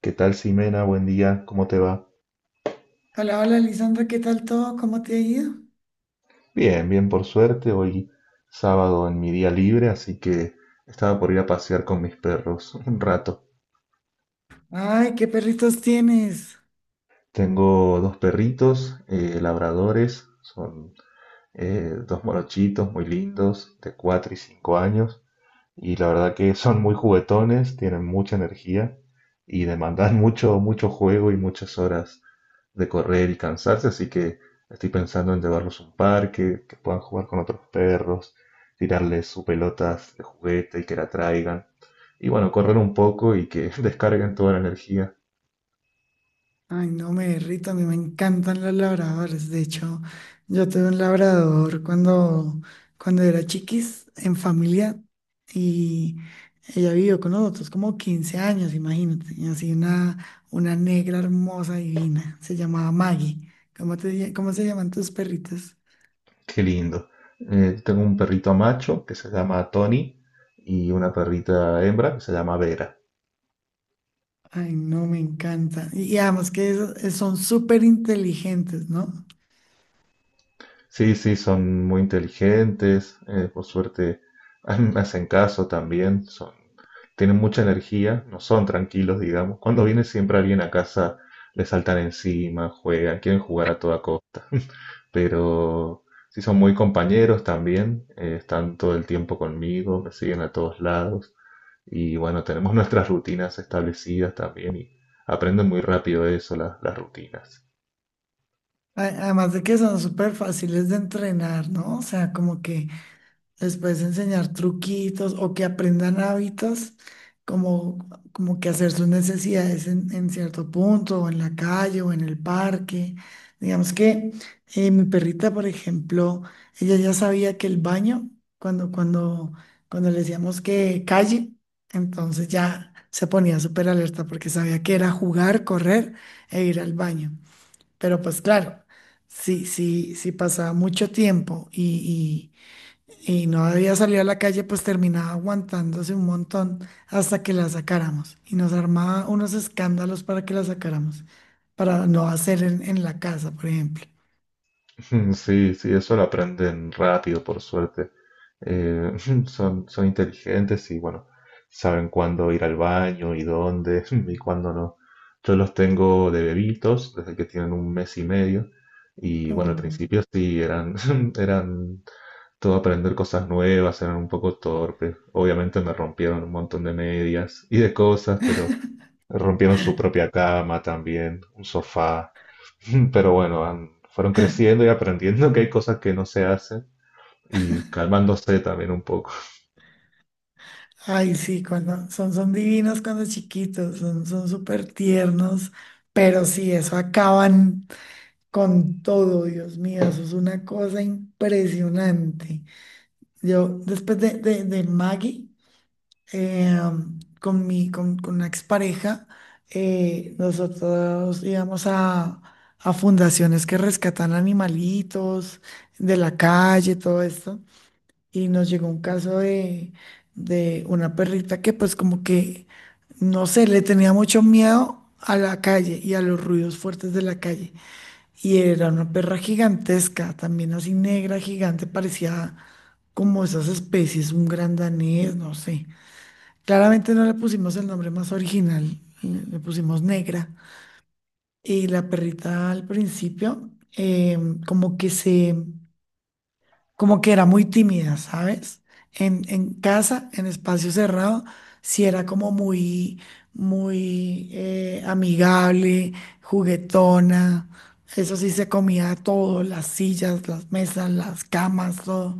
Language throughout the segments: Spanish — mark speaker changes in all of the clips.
Speaker 1: ¿Qué tal, Simena? Buen día, ¿cómo te va?
Speaker 2: Hola, hola, Lisandra, ¿qué tal todo? ¿Cómo te ha ido?
Speaker 1: Bien, bien, por suerte. Hoy sábado en mi día libre, así que estaba por ir a pasear con mis perros un rato.
Speaker 2: Ay, ¿qué perritos tienes?
Speaker 1: Tengo dos perritos labradores, son dos morochitos muy lindos, de 4 y 5 años. Y la verdad que son muy juguetones, tienen mucha energía y demandan mucho, mucho juego y muchas horas de correr y cansarse, así que estoy pensando en llevarlos a un parque, que puedan jugar con otros perros, tirarles sus pelotas de juguete y que la traigan. Y bueno, correr un poco y que descarguen toda la energía.
Speaker 2: Ay, no me derrito, a mí me encantan los labradores. De hecho, yo tuve un labrador cuando era chiquis en familia y ella vivió con nosotros como 15 años, imagínate. Y así una negra hermosa, divina. Se llamaba Maggie. ¿ Cómo se llaman tus perritos?
Speaker 1: Qué lindo. Tengo un perrito macho que se llama Tony y una perrita hembra que se llama Vera.
Speaker 2: Ay, no, me encanta. Y además que son súper inteligentes, ¿no?
Speaker 1: Sí, sí, son muy inteligentes, por suerte a mí me hacen caso también, son, tienen mucha energía, no son tranquilos, digamos. Cuando viene siempre alguien a casa, le saltan encima, juegan, quieren jugar a toda costa, pero sí son muy compañeros también, están todo el tiempo conmigo, me siguen a todos lados y bueno, tenemos nuestras rutinas establecidas también y aprenden muy rápido eso, las rutinas.
Speaker 2: Además de que son súper fáciles de entrenar, ¿no? O sea, como que les puedes enseñar truquitos o que aprendan hábitos, como, como que hacer sus necesidades en cierto punto, o en la calle, o en el parque. Digamos que mi perrita, por ejemplo, ella ya sabía que el baño, cuando, cuando, cuando le decíamos que calle, entonces ya se ponía súper alerta porque sabía que era jugar, correr e ir al baño. Pero pues claro, si pasaba mucho tiempo y no había salido a la calle, pues terminaba aguantándose un montón hasta que la sacáramos. Y nos armaba unos escándalos para que la sacáramos, para no hacer en la casa, por ejemplo.
Speaker 1: Mm, sí, sí, eso lo aprenden rápido, por suerte. Eh, son, son inteligentes y bueno, saben cuándo ir al baño y dónde y cuándo no. Yo los tengo de bebitos desde que tienen un mes y medio y bueno, al
Speaker 2: Mm.
Speaker 1: principio sí eran, eran todo aprender cosas nuevas, eran un poco torpes. Obviamente me rompieron un montón de medias y de cosas, pero rompieron su propia cama también, un sofá. Pero bueno, fueron creciendo y aprendiendo que hay cosas que no se hacen y calmándose también un poco.
Speaker 2: Ay, sí, cuando son divinos cuando chiquitos, son súper tiernos, pero sí, eso acaban con todo, Dios mío, eso es una cosa impresionante. Yo, después del Maggie, eh, con con una expareja, nosotros íbamos a fundaciones que rescatan animalitos de la calle, todo esto, y nos llegó un caso de una perrita que pues como que, no sé, le tenía mucho miedo a la calle y a los ruidos fuertes de la calle. Y era una perra gigantesca, también así negra, gigante, parecía como esas especies, un gran danés, no sé. Claramente no le pusimos el nombre más original, le pusimos negra. Y la perrita al principio, eh, como que como que era muy tímida, ¿sabes? En casa, en espacio cerrado, sí era como muy amigable, juguetona. Eso sí, se comía todo, las sillas, las mesas, las camas, todo.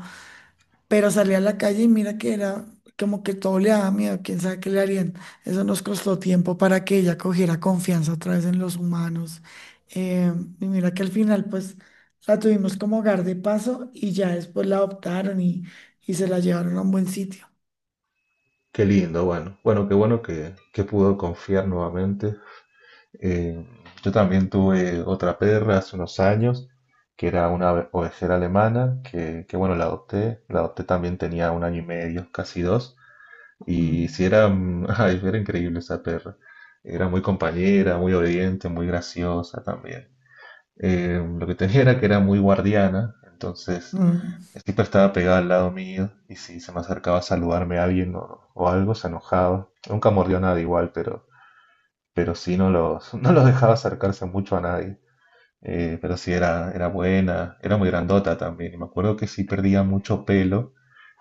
Speaker 2: Pero salí a la calle y mira que era como que todo le daba miedo, quién sabe qué le harían. Eso nos costó tiempo para que ella cogiera confianza otra vez en los humanos. Eh, y mira que al final pues la tuvimos como hogar de paso y ya después la adoptaron y se la llevaron a un buen sitio.
Speaker 1: Qué lindo, bueno. Bueno, qué bueno que pudo confiar nuevamente. Eh, yo también tuve otra perra hace unos años, que era una ovejera alemana, que bueno, la adopté. La adopté también tenía un año y medio, casi dos. Y
Speaker 2: Mm,
Speaker 1: si era, mm, ay, era increíble esa perra. Era muy compañera, muy obediente, muy graciosa también. Lo que tenía era que era muy guardiana, entonces
Speaker 2: mm,
Speaker 1: siempre estaba pegada al lado mío y si se me acercaba a saludarme a alguien o algo, se enojaba. Nunca mordió nada igual, pero sí no los, no los dejaba acercarse mucho a nadie. Pero sí era, era buena, era muy grandota también. Y me acuerdo que sí perdía mucho pelo,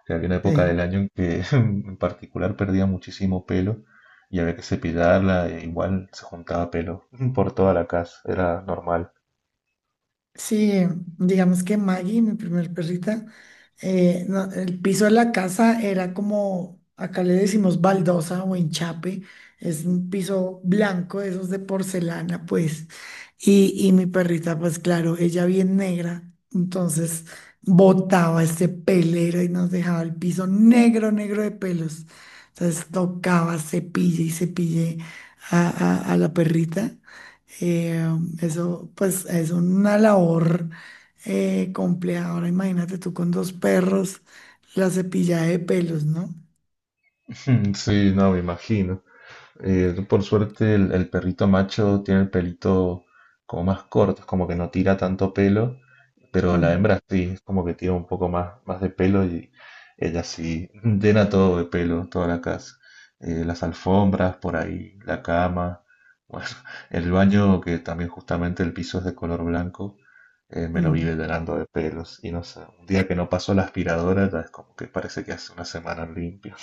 Speaker 1: que había una época
Speaker 2: sí.
Speaker 1: del año en que en particular perdía muchísimo pelo y había que cepillarla, e igual se juntaba pelo por toda la casa, era normal.
Speaker 2: Sí, digamos que Maggie, mi primer perrita, no, el piso de la casa era como, acá le decimos baldosa o enchape, es un piso blanco, de esos de porcelana, pues. Y mi perrita, pues claro, ella bien negra, entonces botaba este pelero y nos dejaba el piso negro, negro de pelos. Entonces tocaba, cepille y cepille a la perrita. Eh, Eso, pues, es una labor compleja. Ahora imagínate tú con 2 perros, la cepillada de pelos, ¿no?
Speaker 1: Sí, no, me imagino. Tú, por suerte el perrito macho tiene el pelito como más corto, es como que no tira tanto pelo, pero la
Speaker 2: Mm,
Speaker 1: hembra sí, es como que tira un poco más, más de pelo y ella sí llena todo de pelo, toda la casa. Las alfombras por ahí, la cama, bueno, el baño que también justamente el piso es de color blanco, me lo vive
Speaker 2: mm.
Speaker 1: llenando de pelos y no sé, un día que no pasó la aspiradora ya es como que parece que hace una semana limpio.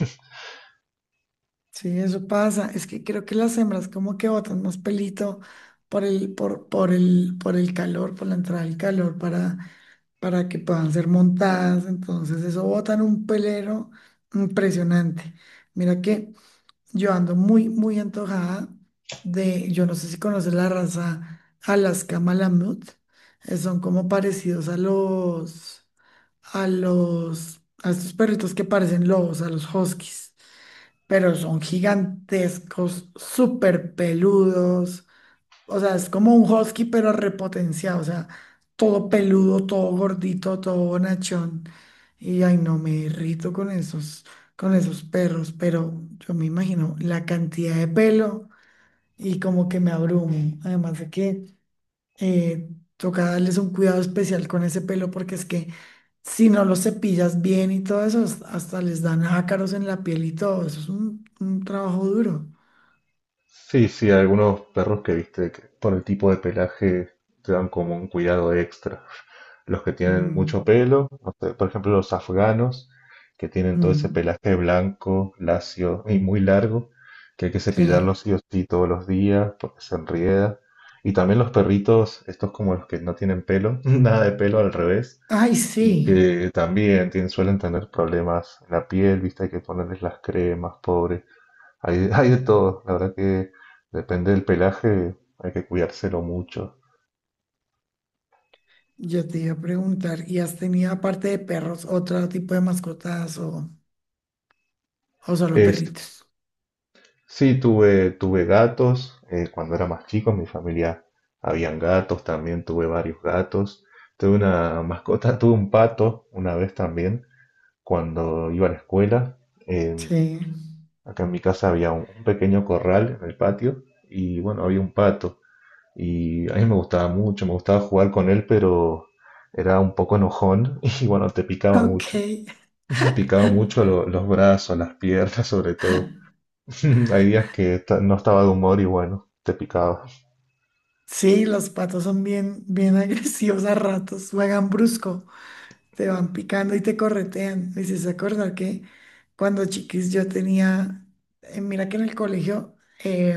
Speaker 2: Sí, eso pasa. Es que creo que las hembras como que botan más pelito por el calor, por la entrada del calor, para que puedan ser montadas. Entonces, eso botan un pelero impresionante. Mira que yo ando muy antojada de, yo no sé si conoces la raza Alaska Malamut, son como parecidos a a estos perritos que parecen lobos, a los huskies, pero son gigantescos, súper peludos, o sea, es como un husky, pero repotenciado. O sea, todo peludo, todo gordito, todo bonachón. Y ay, no me irrito con esos perros, pero yo me imagino la cantidad de pelo y como que me abrumo. Además de que eh, toca darles un cuidado especial con ese pelo, porque es que si no los cepillas bien y todo eso, hasta les dan ácaros en la piel y todo. Eso es un trabajo duro.
Speaker 1: Sí, sí, algunos perros que viste que por el tipo de pelaje te dan como un cuidado extra. Los que tienen
Speaker 2: Mm,
Speaker 1: mucho pelo, no sé, por ejemplo los afganos, que tienen todo ese
Speaker 2: mm,
Speaker 1: pelaje blanco, lacio y muy largo, que hay que
Speaker 2: sí.
Speaker 1: cepillarlos sí o sí todos los días porque se enrieda. Y también los perritos, estos como los que no tienen pelo, nada de pelo al revés,
Speaker 2: Ay, sí.
Speaker 1: y que también suelen tener problemas en la piel, viste, hay que ponerles las cremas, pobres. Hay, hay de todo, la verdad que depende del pelaje, hay que cuidárselo mucho.
Speaker 2: Yo te iba a preguntar, ¿y has tenido aparte de perros otro tipo de mascotas o solo
Speaker 1: Es,
Speaker 2: perritos?
Speaker 1: sí, tuve, tuve gatos cuando era más chico, en mi familia habían gatos, también tuve varios gatos. Tuve una mascota, tuve un pato una vez también, cuando iba a la escuela. En-
Speaker 2: Sí.
Speaker 1: acá en mi casa había un pequeño corral en el patio y bueno, había un pato. Y a mí me gustaba mucho, me gustaba jugar con él, pero era un poco enojón y bueno, te picaba
Speaker 2: Ok.
Speaker 1: mucho. Picado mucho los brazos, las piernas, sobre todo. Hay días que no estaba de humor y bueno, te picaba.
Speaker 2: Sí, los patos son bien agresivos a ratos, juegan brusco, te van picando y te corretean. Me hiciste acordar que cuando chiquis yo tenía, mira que en el colegio, eh,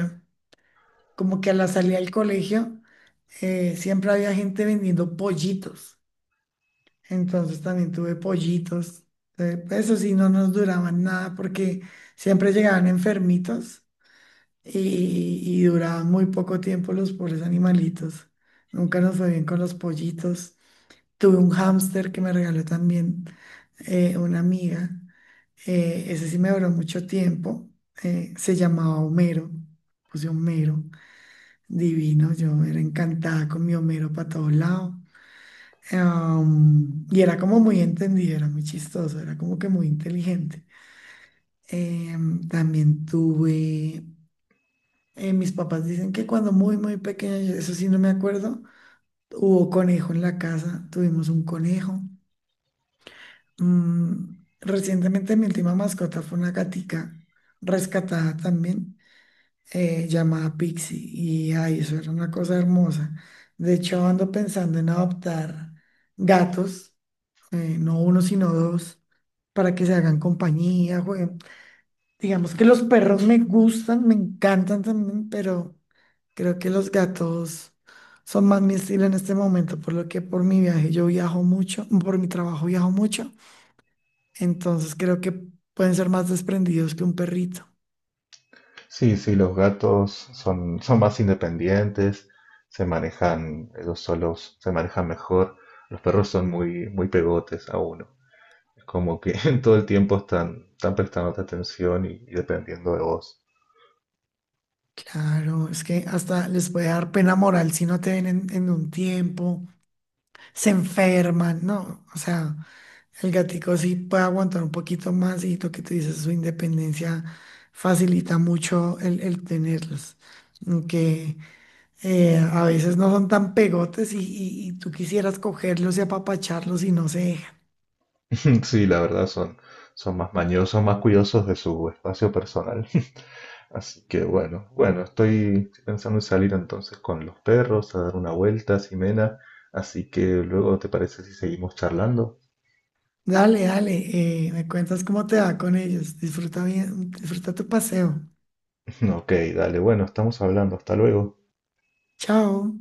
Speaker 2: como que a la salida del colegio, siempre había gente vendiendo pollitos. Entonces también tuve pollitos. Pues, eso sí, no nos duraban nada porque siempre llegaban enfermitos y duraban muy poco tiempo los pobres animalitos. Nunca nos fue bien con los pollitos. Tuve un hámster que me regaló también una amiga. Ese sí me duró mucho tiempo. Se llamaba Homero. Puse Homero. Divino. Yo era encantada con mi Homero para todos lados. Y era como muy entendido, era muy chistoso, era como que muy inteligente. También tuve, mis papás dicen que cuando muy pequeña, eso sí no me acuerdo, hubo conejo en la casa, tuvimos un conejo. Mm, recientemente mi última mascota fue una gatica rescatada también, llamada Pixie, y ay, eso era una cosa hermosa. De hecho, ando pensando en adoptar gatos. Eh, no uno, sino dos, para que se hagan compañía, jueguen. Digamos que los perros me gustan, me encantan también, pero creo que los gatos son más mi estilo en este momento, por lo que por mi viaje yo viajo mucho, por mi trabajo viajo mucho, entonces creo que pueden ser más desprendidos que un perrito.
Speaker 1: Sí, sí, los gatos son, son más independientes, se manejan ellos solos, se manejan mejor. Los perros son muy, muy pegotes a uno. Es como que todo el tiempo están, están prestándote atención y dependiendo de vos.
Speaker 2: Claro, es que hasta les puede dar pena moral si no te ven en un tiempo, se enferman, ¿no? O sea, el gatico sí puede aguantar un poquito más y lo que tú dices, su independencia facilita mucho el tenerlos. Aunque a veces no son tan pegotes y tú quisieras cogerlos y apapacharlos y no se dejan.
Speaker 1: Sí, la verdad son, son más mañosos, más cuidadosos de su espacio personal. Así que bueno, bueno, estoy pensando en salir entonces con los perros a dar una vuelta, a Ximena. Así que luego, ¿te parece si seguimos charlando?
Speaker 2: Dale, dale, me cuentas cómo te va con ellos. Disfruta bien, disfruta tu paseo.
Speaker 1: Ok, dale, bueno, estamos hablando, hasta luego.
Speaker 2: Chao.